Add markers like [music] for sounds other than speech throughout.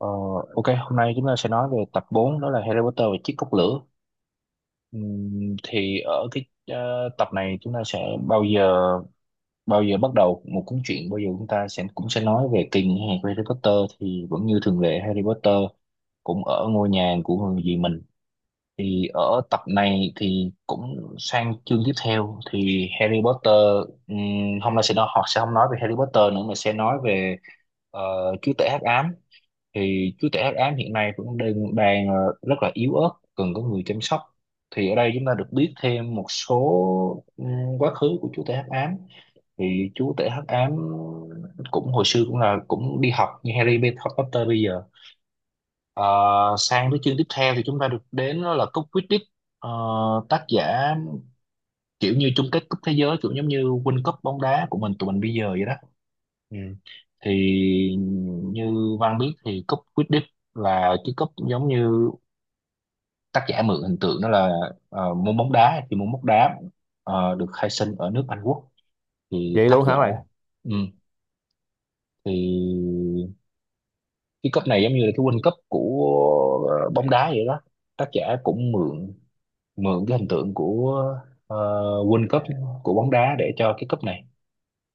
Ờ, ok, hôm nay chúng ta sẽ nói về tập bốn, đó là Harry Potter và chiếc cốc lửa. Thì ở tập này chúng ta sẽ bao giờ bắt đầu một cuốn truyện, bao giờ chúng ta sẽ cũng sẽ nói về kỳ nghỉ hè của Harry Potter. Thì vẫn như thường lệ, Harry Potter cũng ở ngôi nhà của người dì mình. Thì ở tập này thì cũng sang chương tiếp theo, thì Harry Potter hôm nay sẽ nói, họ sẽ không nói về Harry Potter nữa mà sẽ nói về ờ, chúa tể hắc ám. Thì chú trẻ Hát ám hiện nay cũng đang đang rất là yếu ớt, cần có người chăm sóc. Thì ở đây chúng ta được biết thêm một số ừm, quá khứ của chú tể hắc ám. Thì chú tể hắc ám cũng hồi xưa cũng là cũng đi học như Harry Potter bây giờ. Ờ, Sang tới chương tiếp theo thì chúng ta được đến, đó là cúp Quidditch. Ờ, Tác giả kiểu như chung kết cúp thế giới, kiểu giống như World Cup bóng đá của mình, tụi mình bây giờ vậy đó. Ừ. Thì như Văn biết thì cúp Quidditch là cái cúp giống như tác giả mượn hình tượng, đó là môn bóng đá. Thì môn bóng đá được khai sinh ở nước Anh Quốc. Thì vậy tác luôn giả hả bạn ừ, thì cái cúp này giống như là cái World Cup của bóng đá vậy đó. Tác giả cũng mượn mượn cái hình tượng của ờ, World Cup của bóng đá để cho cái cúp này.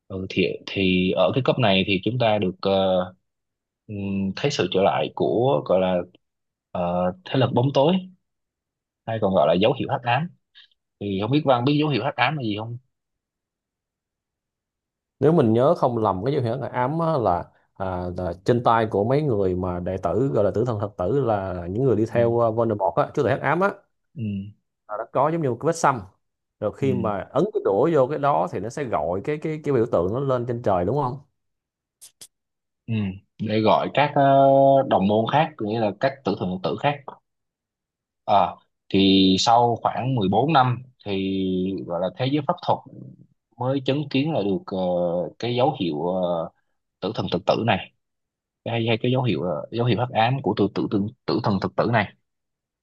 Ừ, thì ở cái cấp này thì chúng ta được thấy sự trở lại của gọi là ờ, thế lực bóng tối hay còn gọi là dấu hiệu hắc ám. Thì không biết Văn biết dấu hiệu hắc ám là gì không? Nếu mình nhớ không lầm, cái dấu hiệu ám á là, à, là trên tay của mấy người mà đệ tử gọi là tử thần thật tử, là những người đi Ừ, theo, Voldemort á, chúa tể hắc ám á, ừ, là nó có giống như một cái vết xăm. Rồi ừ, khi mà ấn cái đũa vô cái đó thì nó sẽ gọi cái biểu tượng nó lên trên trời, đúng không? ừ. Để gọi các đồng môn khác, có nghĩa là các tử thần phật tử khác. Ờ, thì sau khoảng 14 năm thì gọi là thế giới pháp thuật mới chứng kiến là được cái dấu hiệu tử thần thực tử này, hay hay cái dấu hiệu dấu hiệu hắc ám của tự tự tử, tử thần thực tử này.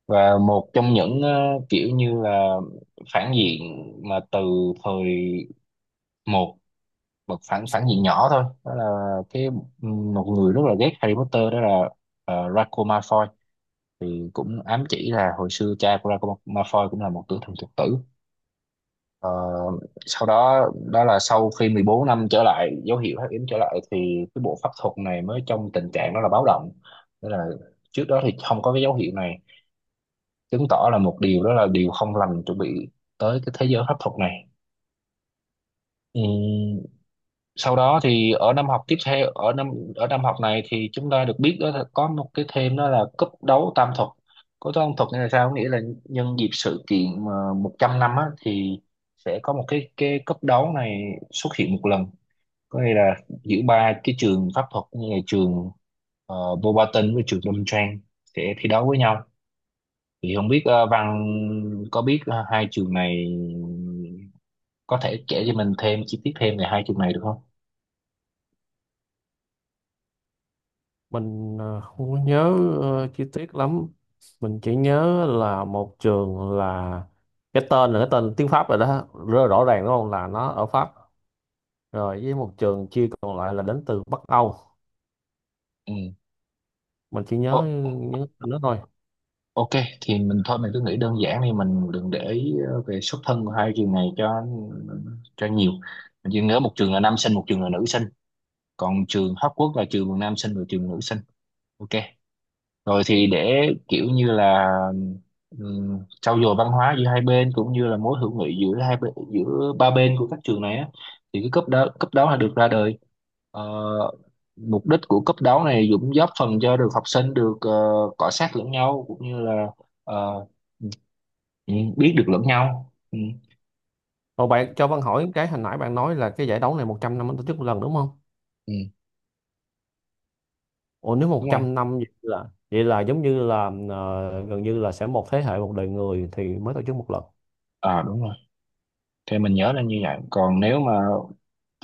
Và một trong những kiểu như là phản diện mà từ thời một một phản phản diện nhỏ thôi, đó là cái một người rất là ghét Harry Potter, đó là Draco Malfoy. Thì cũng ám chỉ là hồi xưa cha của Draco Malfoy cũng là một tử thần thực tử. Ờ, sau đó đó là sau khi 14 năm trở lại, dấu hiệu hắc yếm trở lại, thì cái bộ pháp thuật này mới trong tình trạng đó là báo động. Tức là trước đó thì không có cái dấu hiệu này, chứng tỏ là một điều, đó là điều không lành chuẩn bị tới cái thế giới pháp thuật này. Ừ, sau đó thì ở năm học tiếp theo, ở năm học này thì chúng ta được biết, đó là có một cái thêm, đó là cúp đấu tam thuật. Cúp đấu tam thuật nghĩa là sao? Có nghĩa là nhân dịp sự kiện mà 100 năm á, thì sẽ có một cái cúp đấu này xuất hiện một lần. Có nghĩa là giữa ba cái trường pháp thuật, như là trường Bobaton với trường Đâm Trang sẽ thi đấu với nhau. Thì không biết Văn có biết hai trường này, có thể kể cho mình thêm chi tiết thêm về hai trường này được không? Mình không có nhớ chi tiết lắm. Mình chỉ nhớ là một trường là cái tên tiếng Pháp rồi đó, rất là rõ ràng đúng không, là nó ở Pháp. Rồi với một trường chia còn lại là đến từ Bắc Âu. Mình chỉ Ừ. nhớ nhớ nó thôi. Ok, thì mình thôi, mình cứ nghĩ đơn giản đi, mình đừng để ý về xuất thân của hai trường này cho nhiều. Mình chỉ nhớ một trường là nam sinh, một trường là nữ sinh. Còn trường Hóc Quốc là trường nam sinh và trường nữ sinh. Ok. Rồi thì để kiểu như là trau dồi văn hóa giữa hai bên cũng như là mối hữu nghị giữa hai bên, giữa ba bên của các trường này á, thì cái cấp đó là được ra đời. Ờ, mục đích của cấp đấu này cũng góp phần cho được học sinh được cọ xát lẫn nhau cũng như là ờ, ừ, biết được lẫn nhau. Ừ, Ồ, bạn cho Văn hỏi, cái hồi nãy bạn nói là cái giải đấu này 100 năm mới tổ chức một lần, đúng không? ừ, Ồ, nếu một đúng rồi. trăm năm vậy là giống như là gần như là sẽ một thế hệ, một đời người thì mới tổ chức một lần. À, đúng rồi, thì mình nhớ là như vậy. Còn nếu mà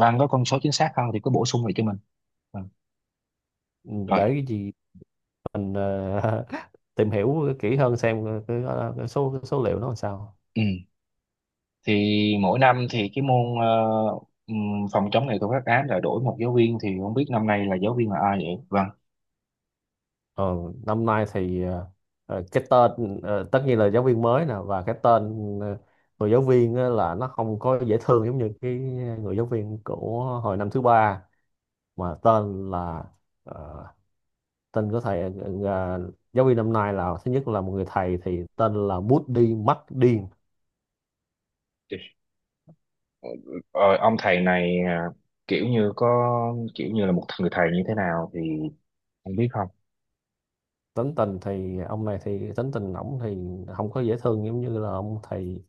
Văn có con số chính xác không thì cứ bổ sung lại cho mình. Ừ. Ừ, Rồi để cái gì mình [laughs] tìm hiểu kỹ hơn xem cái số liệu nó làm sao. ừ, thì mỗi năm thì cái môn ừm, phòng chống nghệ thuật phát án lại đổi một giáo viên. Thì không biết năm nay là giáo viên là ai vậy Vâng? Ờ, Năm nay thì cái tên, tất nhiên là giáo viên mới nè, và cái tên ờ, người giáo viên á là nó không có dễ thương giống như cái người giáo viên của hồi năm thứ ba mà tên là, ờ, tên của thầy, giáo viên năm nay, là thứ nhất là một người thầy thì tên là Bút Đi Mắt Điên. Ờ, ông thầy này à, kiểu như có kiểu như là một người thầy như thế nào thì không biết không? Tính tình ổng thì không có dễ thương giống như là ông thầy,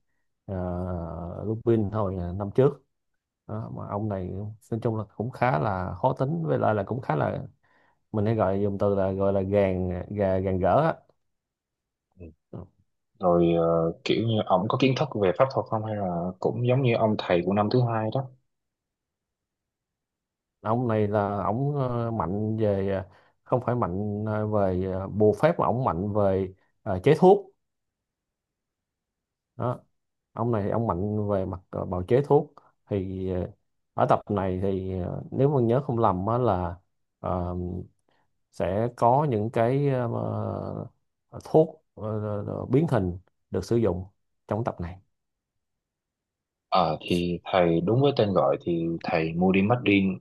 uh, Lupin hồi năm trước. Đó, mà ông này nói chung là cũng khá là khó tính, với lại là cũng khá là, mình hay gọi dùng từ là, gọi là gàn gỡ á. Ừ. Ừ. Rồi kiểu như ông có kiến thức về pháp thuật không, hay là cũng giống như ông thầy của năm thứ hai đó? Ông này là ổng mạnh về, ờ, không phải mạnh ờ, về ờ, bùa phép, mà ổng mạnh về chế thuốc. Đó, ông này ông mạnh về mặt bào chế thuốc. Thì ở tập này thì nếu mà nhớ không lầm á là, ờ, sẽ có những cái ờ, thuốc biến hình được sử dụng trong tập này. Ờ thì thầy đúng với tên gọi thì thầy Moody Martin,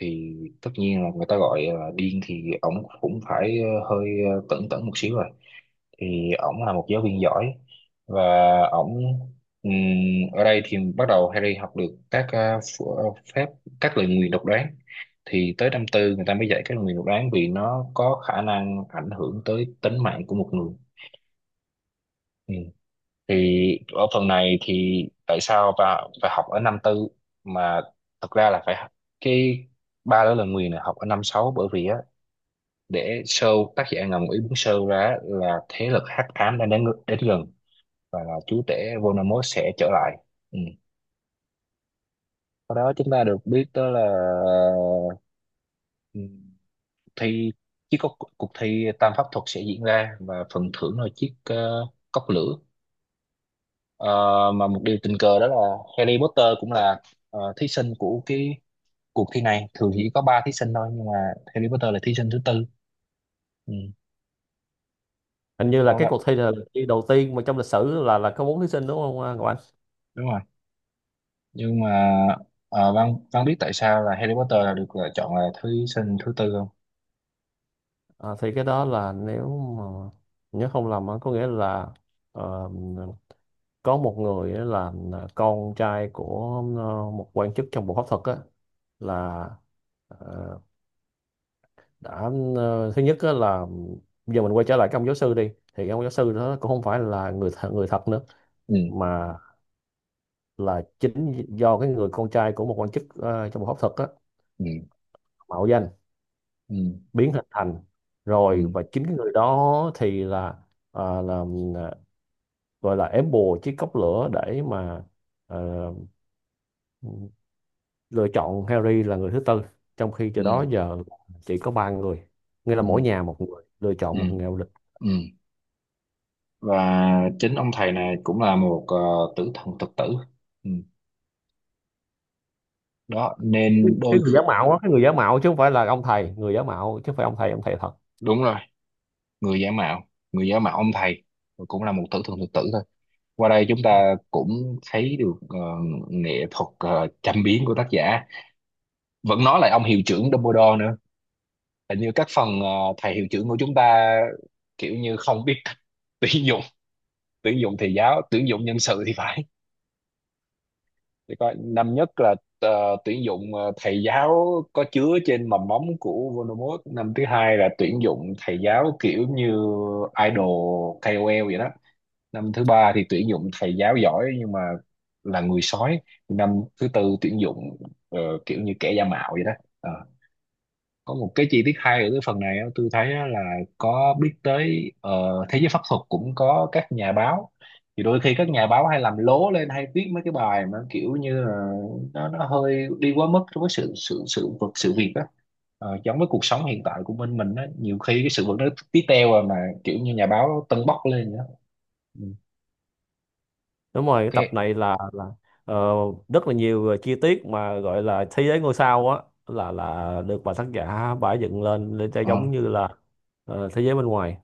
thì tất nhiên là người ta gọi là điên thì ổng cũng phải hơi tẩn tẩn một xíu rồi. Thì ổng là một giáo viên giỏi và ổng ừm, ở đây thì bắt đầu Harry học được các phép các lời nguyền độc đoán. Thì tới năm tư người ta mới dạy các lời nguyền độc đoán vì nó có khả năng ảnh hưởng tới tính mạng của một người. Thì ở phần này thì tại sao bà phải học ở năm tư mà thật ra là phải học- cái ba đó là Nguyền là học ở năm sáu, bởi vì á để show, tác giả ngầm ý muốn show ra là thế lực hắc ám đang đến đến gần và là chúa tể Voldemort sẽ trở lại. Ừ. Sau đó chúng ta được biết, đó là ừ, thi chiếc cốc, cuộc cuộc thi tam pháp thuật sẽ diễn ra và phần thưởng là chiếc cốc lửa. Ờ, mà một điều tình cờ đó là Harry Potter cũng là thí sinh của cái cuộc thi này. Thường chỉ có ba thí sinh thôi nhưng mà Harry Potter là thí sinh thứ tư. Ừ, Hình như là đâu đó cái cuộc thi là cuộc thi đầu tiên mà trong lịch sử là có bốn thí sinh, đúng không Ngọc Anh? đúng rồi. Nhưng mà Văn Văn biết tại sao là Harry Potter là được lựa chọn là thí sinh thứ tư không? À, thì cái đó là nếu mà nhớ không lầm á, có nghĩa là ờ, có một người á, là con trai của một quan chức trong bộ pháp thuật á, là ờ, đã thứ nhất á là, giờ mình quay trở lại cái ông giáo sư đi, thì cái ông giáo sư đó cũng không phải là người thật nữa, Ừ mà là chính do cái người con trai của một quan chức trong bộ pháp thuật á, ừ mạo danh, ừ biến hình thành. ừ Rồi và chính cái người đó thì là ờ, là gọi là ém bùa chiếc cốc lửa để mà ờ, lựa chọn Harry là người thứ tư, trong khi cho đó ừ giờ chỉ có ba người, nghĩa là ừ mỗi nhà một người lựa chọn ừ một người lịch. ừ. Và chính ông thầy này cũng là một tử thần thực tử. Ừ. Đó cái nên đôi cái người khi giả mạo á, cái người giả mạo chứ không phải là ông thầy, người giả mạo chứ không phải ông thầy thật. đúng rồi, người giả mạo, người giả mạo ông thầy cũng là một tử thần thực tử thôi. Qua đây chúng ta cũng thấy được nghệ thuật châm biếm của tác giả. Vẫn nói lại ông hiệu trưởng Dumbledore nữa, hình như các phần thầy hiệu trưởng của chúng ta kiểu như không biết [laughs] cách tuyển dụng tuyển dụng thầy giáo, tuyển dụng nhân sự thì phải. Thì coi năm nhất là tuyển dụng thầy giáo có chứa trên mầm móng của Voldemort, năm thứ hai là tuyển dụng thầy giáo kiểu như idol ca o KOL vậy đó, năm thứ ba thì tuyển dụng thầy giáo giỏi nhưng mà là người sói, năm thứ tư tuyển dụng ờ, kiểu như kẻ giả mạo vậy đó. Ờ. Có một cái chi tiết hay ở cái phần này á, tôi thấy á là có biết tới thế giới pháp thuật cũng có các nhà báo. Thì đôi khi các nhà báo hay làm lố lên, hay viết mấy cái bài mà kiểu như là nó hơi đi quá mức với sự sự sự vật sự việc đó. Ờ, giống với cuộc sống hiện tại của bên mình á, nhiều khi cái sự vật nó tí teo rồi mà kiểu như nhà báo tâng bốc lên vậy đó. Ừ, Đúng rồi, cái tập ok. này là ờ, rất là nhiều chi tiết mà gọi là thế giới ngôi sao á, là được bà tác giả bả dựng lên để cho Ờ. giống như là thế giới bên ngoài.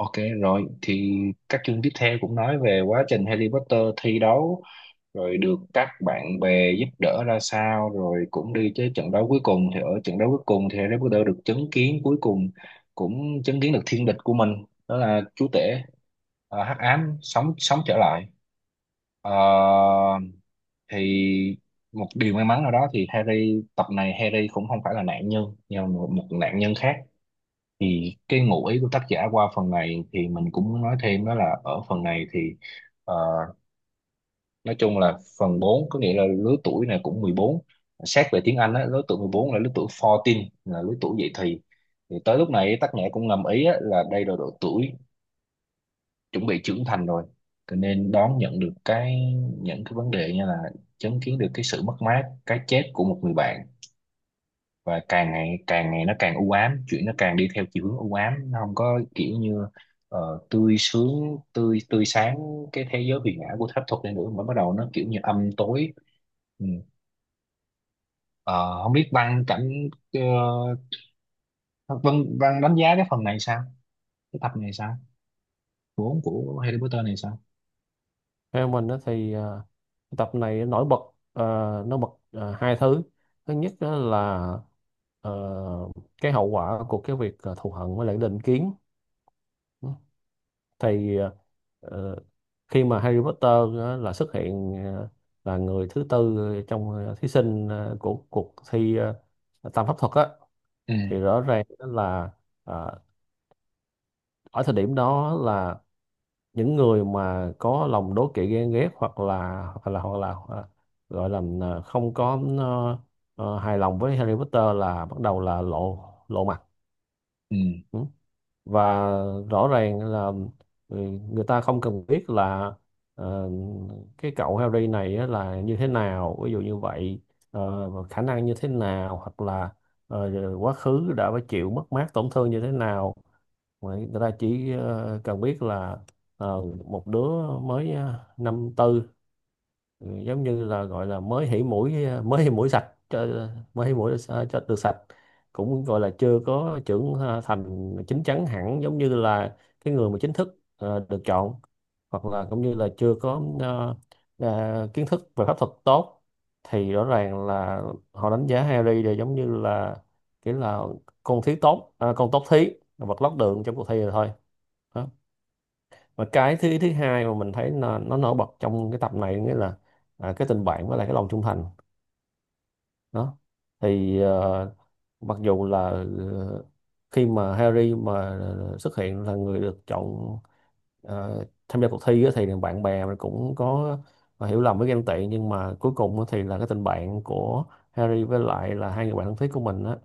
Ok, rồi thì các chương tiếp theo cũng nói về quá trình Harry Potter thi đấu rồi được các bạn bè giúp đỡ ra sao, rồi cũng đi tới trận đấu cuối cùng. Thì ở trận đấu cuối cùng thì Harry Potter được chứng kiến, cuối cùng cũng chứng kiến được thiên địch của mình, đó là chúa tể hắc ám sống sống trở lại. Ờ, thì một điều may mắn nào đó thì Harry tập này Harry cũng không phải là nạn nhân, nhưng mà một nạn nhân khác. Thì cái ngụ ý của tác giả qua phần này thì mình cũng muốn nói thêm, đó là ở phần này thì ờ, nói chung là phần bốn, có nghĩa là lứa tuổi này cũng mười bốn. Xét về tiếng Anh á, lứa tuổi 14 là lứa tuổi 14, là lứa tuổi dậy thì. Thì tới lúc này tác giả cũng ngầm ý á, là đây là độ tuổi chuẩn bị trưởng thành rồi, cho nên đón nhận được cái những cái vấn đề như là chứng kiến được cái sự mất mát, cái chết của một người bạn. Và càng ngày nó càng u ám, chuyện nó càng đi theo chiều hướng u ám, nó không có kiểu như tươi sướng, tươi tươi sáng cái thế giới huyền ảo của phép thuật này nữa, mà bắt đầu nó kiểu như âm tối. Ừ. Ờ, Không biết Văn cảm, ờ, Văn Văn đánh giá cái phần này sao, cái tập này sao, của Harry Potter này sao? Theo mình đó thì tập này nổi bật, ờ, hai thứ. Thứ nhất á là ờ, cái hậu quả của cái việc thù hận với lại định kiến. Thì ờ, khi mà Harry Potter á, là xuất hiện là người thứ tư trong thí sinh của cuộc thi tam pháp thuật á, thì Ừ, rõ ràng là ờ, ở thời điểm đó là những người mà có lòng đố kỵ ghen ghét, hoặc là à, gọi là, à, không có à, à, hài lòng với Harry Potter, là bắt đầu là lộ lộ mặt. ừ, Ừ. Và rõ ràng là, ừ, người ta không cần biết là ờ, cái cậu Harry này á là như thế nào, ví dụ như vậy, và khả năng như thế nào, hoặc là ờ, quá khứ đã phải chịu mất mát tổn thương như thế nào. Người ta chỉ cần biết là một đứa mới năm tư, giống như là gọi là mới hỉ mũi sa- cho được sạch, cũng gọi là chưa có thành chín chắn hẳn, giống như là cái người mà chính thức được chọn, hoặc là cũng như là chưa có kiến thức về pháp thuật tốt. Thì rõ ràng là họ đánh giá Harry là giống như là kiểu là con tốt thí, vật lót đường trong cuộc thi rồi thôi. Đó. Và cái thứ thứ hai mà mình thấy nó nổi bật trong cái tập này, nghĩa là cái tình bạn với lại cái lòng trung thành. Đó, thì mặc dù là ờ, khi mà Harry mà xuất hiện là người được chọn, tham gia cuộc thi á, thì bạn bè mình cũng có hiểu lầm với ghen tị, nhưng mà cuối cùng á thì là cái tình bạn của Harry với lại là hai người bạn thân thiết của mình á,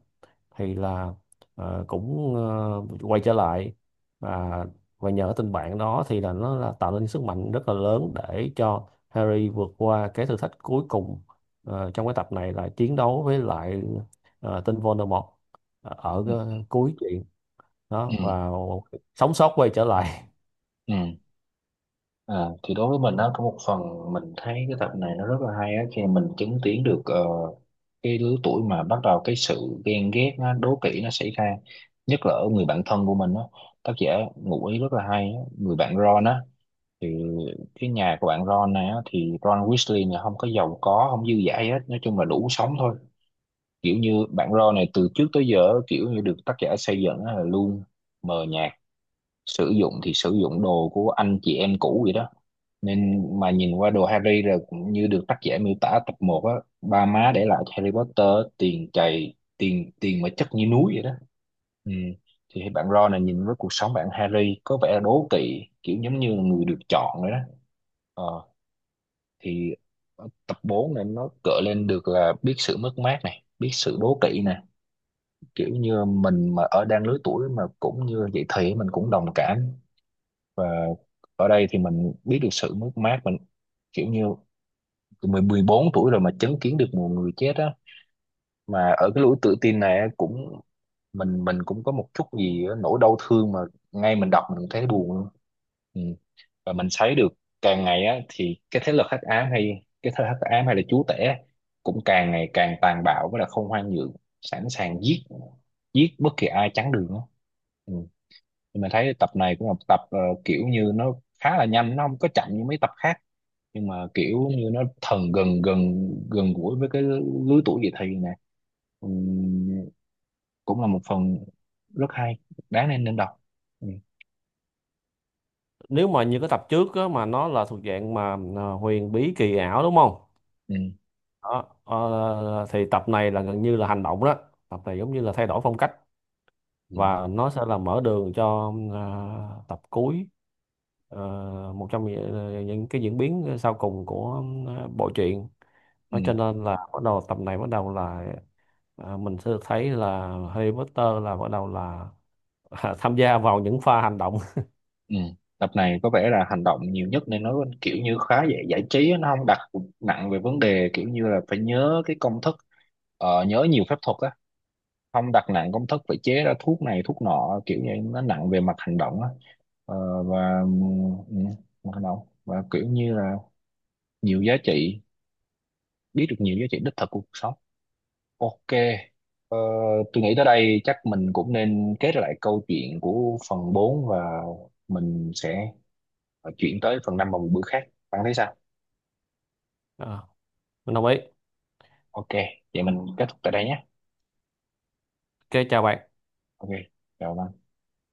thì là ờ, cũng ờ, quay trở lại. và và nhờ tình bạn đó thì là nó là tạo nên sức mạnh rất là lớn để cho Harry vượt qua cái thử thách cuối cùng, trong cái tập này là chiến đấu với lại tên Voldemort, ở cái ừ, cuối chuyện. ừ, Đó và sống sót quay trở lại. ừ. À, thì đối với mình á, có một phần mình thấy cái tập này nó rất là hay á, khi mà mình chứng kiến được cái lứa tuổi mà bắt đầu cái sự ghen ghét nó đố kỵ nó xảy ra, nhất là ở người bạn thân của mình á. Tác giả ngụ ý rất là hay á. Người bạn Ron á, thì cái nhà của bạn Ron này á, thì Ron Weasley này không có giàu có, không dư dả gì hết, nói chung là đủ sống thôi. Kiểu như bạn Ron này từ trước tới giờ kiểu như được tác giả xây dựng á là luôn mờ nhạt, sử dụng thì sử dụng đồ của anh chị em cũ vậy đó. Nên mà nhìn qua đồ Harry rồi, cũng như được tác giả miêu tả tập một á, ba má để lại cho Harry Potter tiền chày, tiền tiền mà chất như núi vậy đó. Ừ. Thì bạn Ron này nhìn với cuộc sống bạn Harry có vẻ đố kỵ, kiểu giống như là người được chọn vậy đó. ờ, thì ở tập 4 này nó gợi lên được là biết sự mất mát này, biết sự đố kỵ này, kiểu như mình mà ở đang lứa tuổi mà cũng như vậy thì mình cũng đồng cảm. Và ở đây thì mình biết được sự mất mát mình, kiểu như 14 tuổi rồi mà chứng kiến được một người chết á, mà ở cái lối tự tin này á, cũng mình cũng có một chút gì á, nỗi đau thương mà ngay mình đọc mình cũng thấy buồn luôn. Ừ. Và mình thấy được càng ngày á thì cái thế lực hắc ám, hay cái thế lực hắc ám hay là chúa tể á, cũng càng ngày càng tàn bạo, với là không khoan nhượng, sẵn sàng giết giết bất kỳ ai chắn đường á. Ừ. Nhưng mà thấy tập này cũng là một tập, kiểu như nó khá là nhanh, nó không có chậm như mấy tập khác, nhưng mà kiểu như nó thần gần gần gần gũi với cái lứa tuổi dậy thì nè. Ừm, cũng là một phần rất hay, đáng nên nên đọc. Ừ, [laughs] Nếu mà như cái tập trước á, mà nó là thuộc dạng mà huyền bí kỳ ảo, đúng không? ừ, Đó, thì tập này là gần như là hành động đó. Tập này giống như là thay đổi phong cách, ừ, và nó sẽ là mở đường cho, tập cuối, ờ, một trong những ờ, những cái diễn biến sau cùng của bộ truyện. ừ, Nó cho nên là bắt đầu tập này bắt đầu là, mình sẽ được thấy là Harry Potter là bắt đầu là [laughs] tham gia vào những pha hành động. ừ. Tập này có vẻ là hành động nhiều nhất nên nó kiểu như khá dễ giải trí á, nó không đặt nặng về vấn đề kiểu như là phải nhớ cái công thức, nhớ nhiều phép thuật á, không đặt nặng công thức phải chế ra thuốc này thuốc nọ, kiểu như nó nặng về mặt hành động á. Ờ, và ừ, mặt hành động, và kiểu như là nhiều giá trị, biết được nhiều giá trị đích thực của cuộc sống. Ok. ờ, tôi nghĩ tới đây chắc mình cũng nên kết lại câu chuyện của phần bốn, và mình sẽ chuyển tới phần 5 vào một bữa khác. Bạn thấy sao? Ờ, mình đồng ý. Ok, vậy mình kết thúc tại đây nhé. Ok, chào bạn. Ok, chào bạn.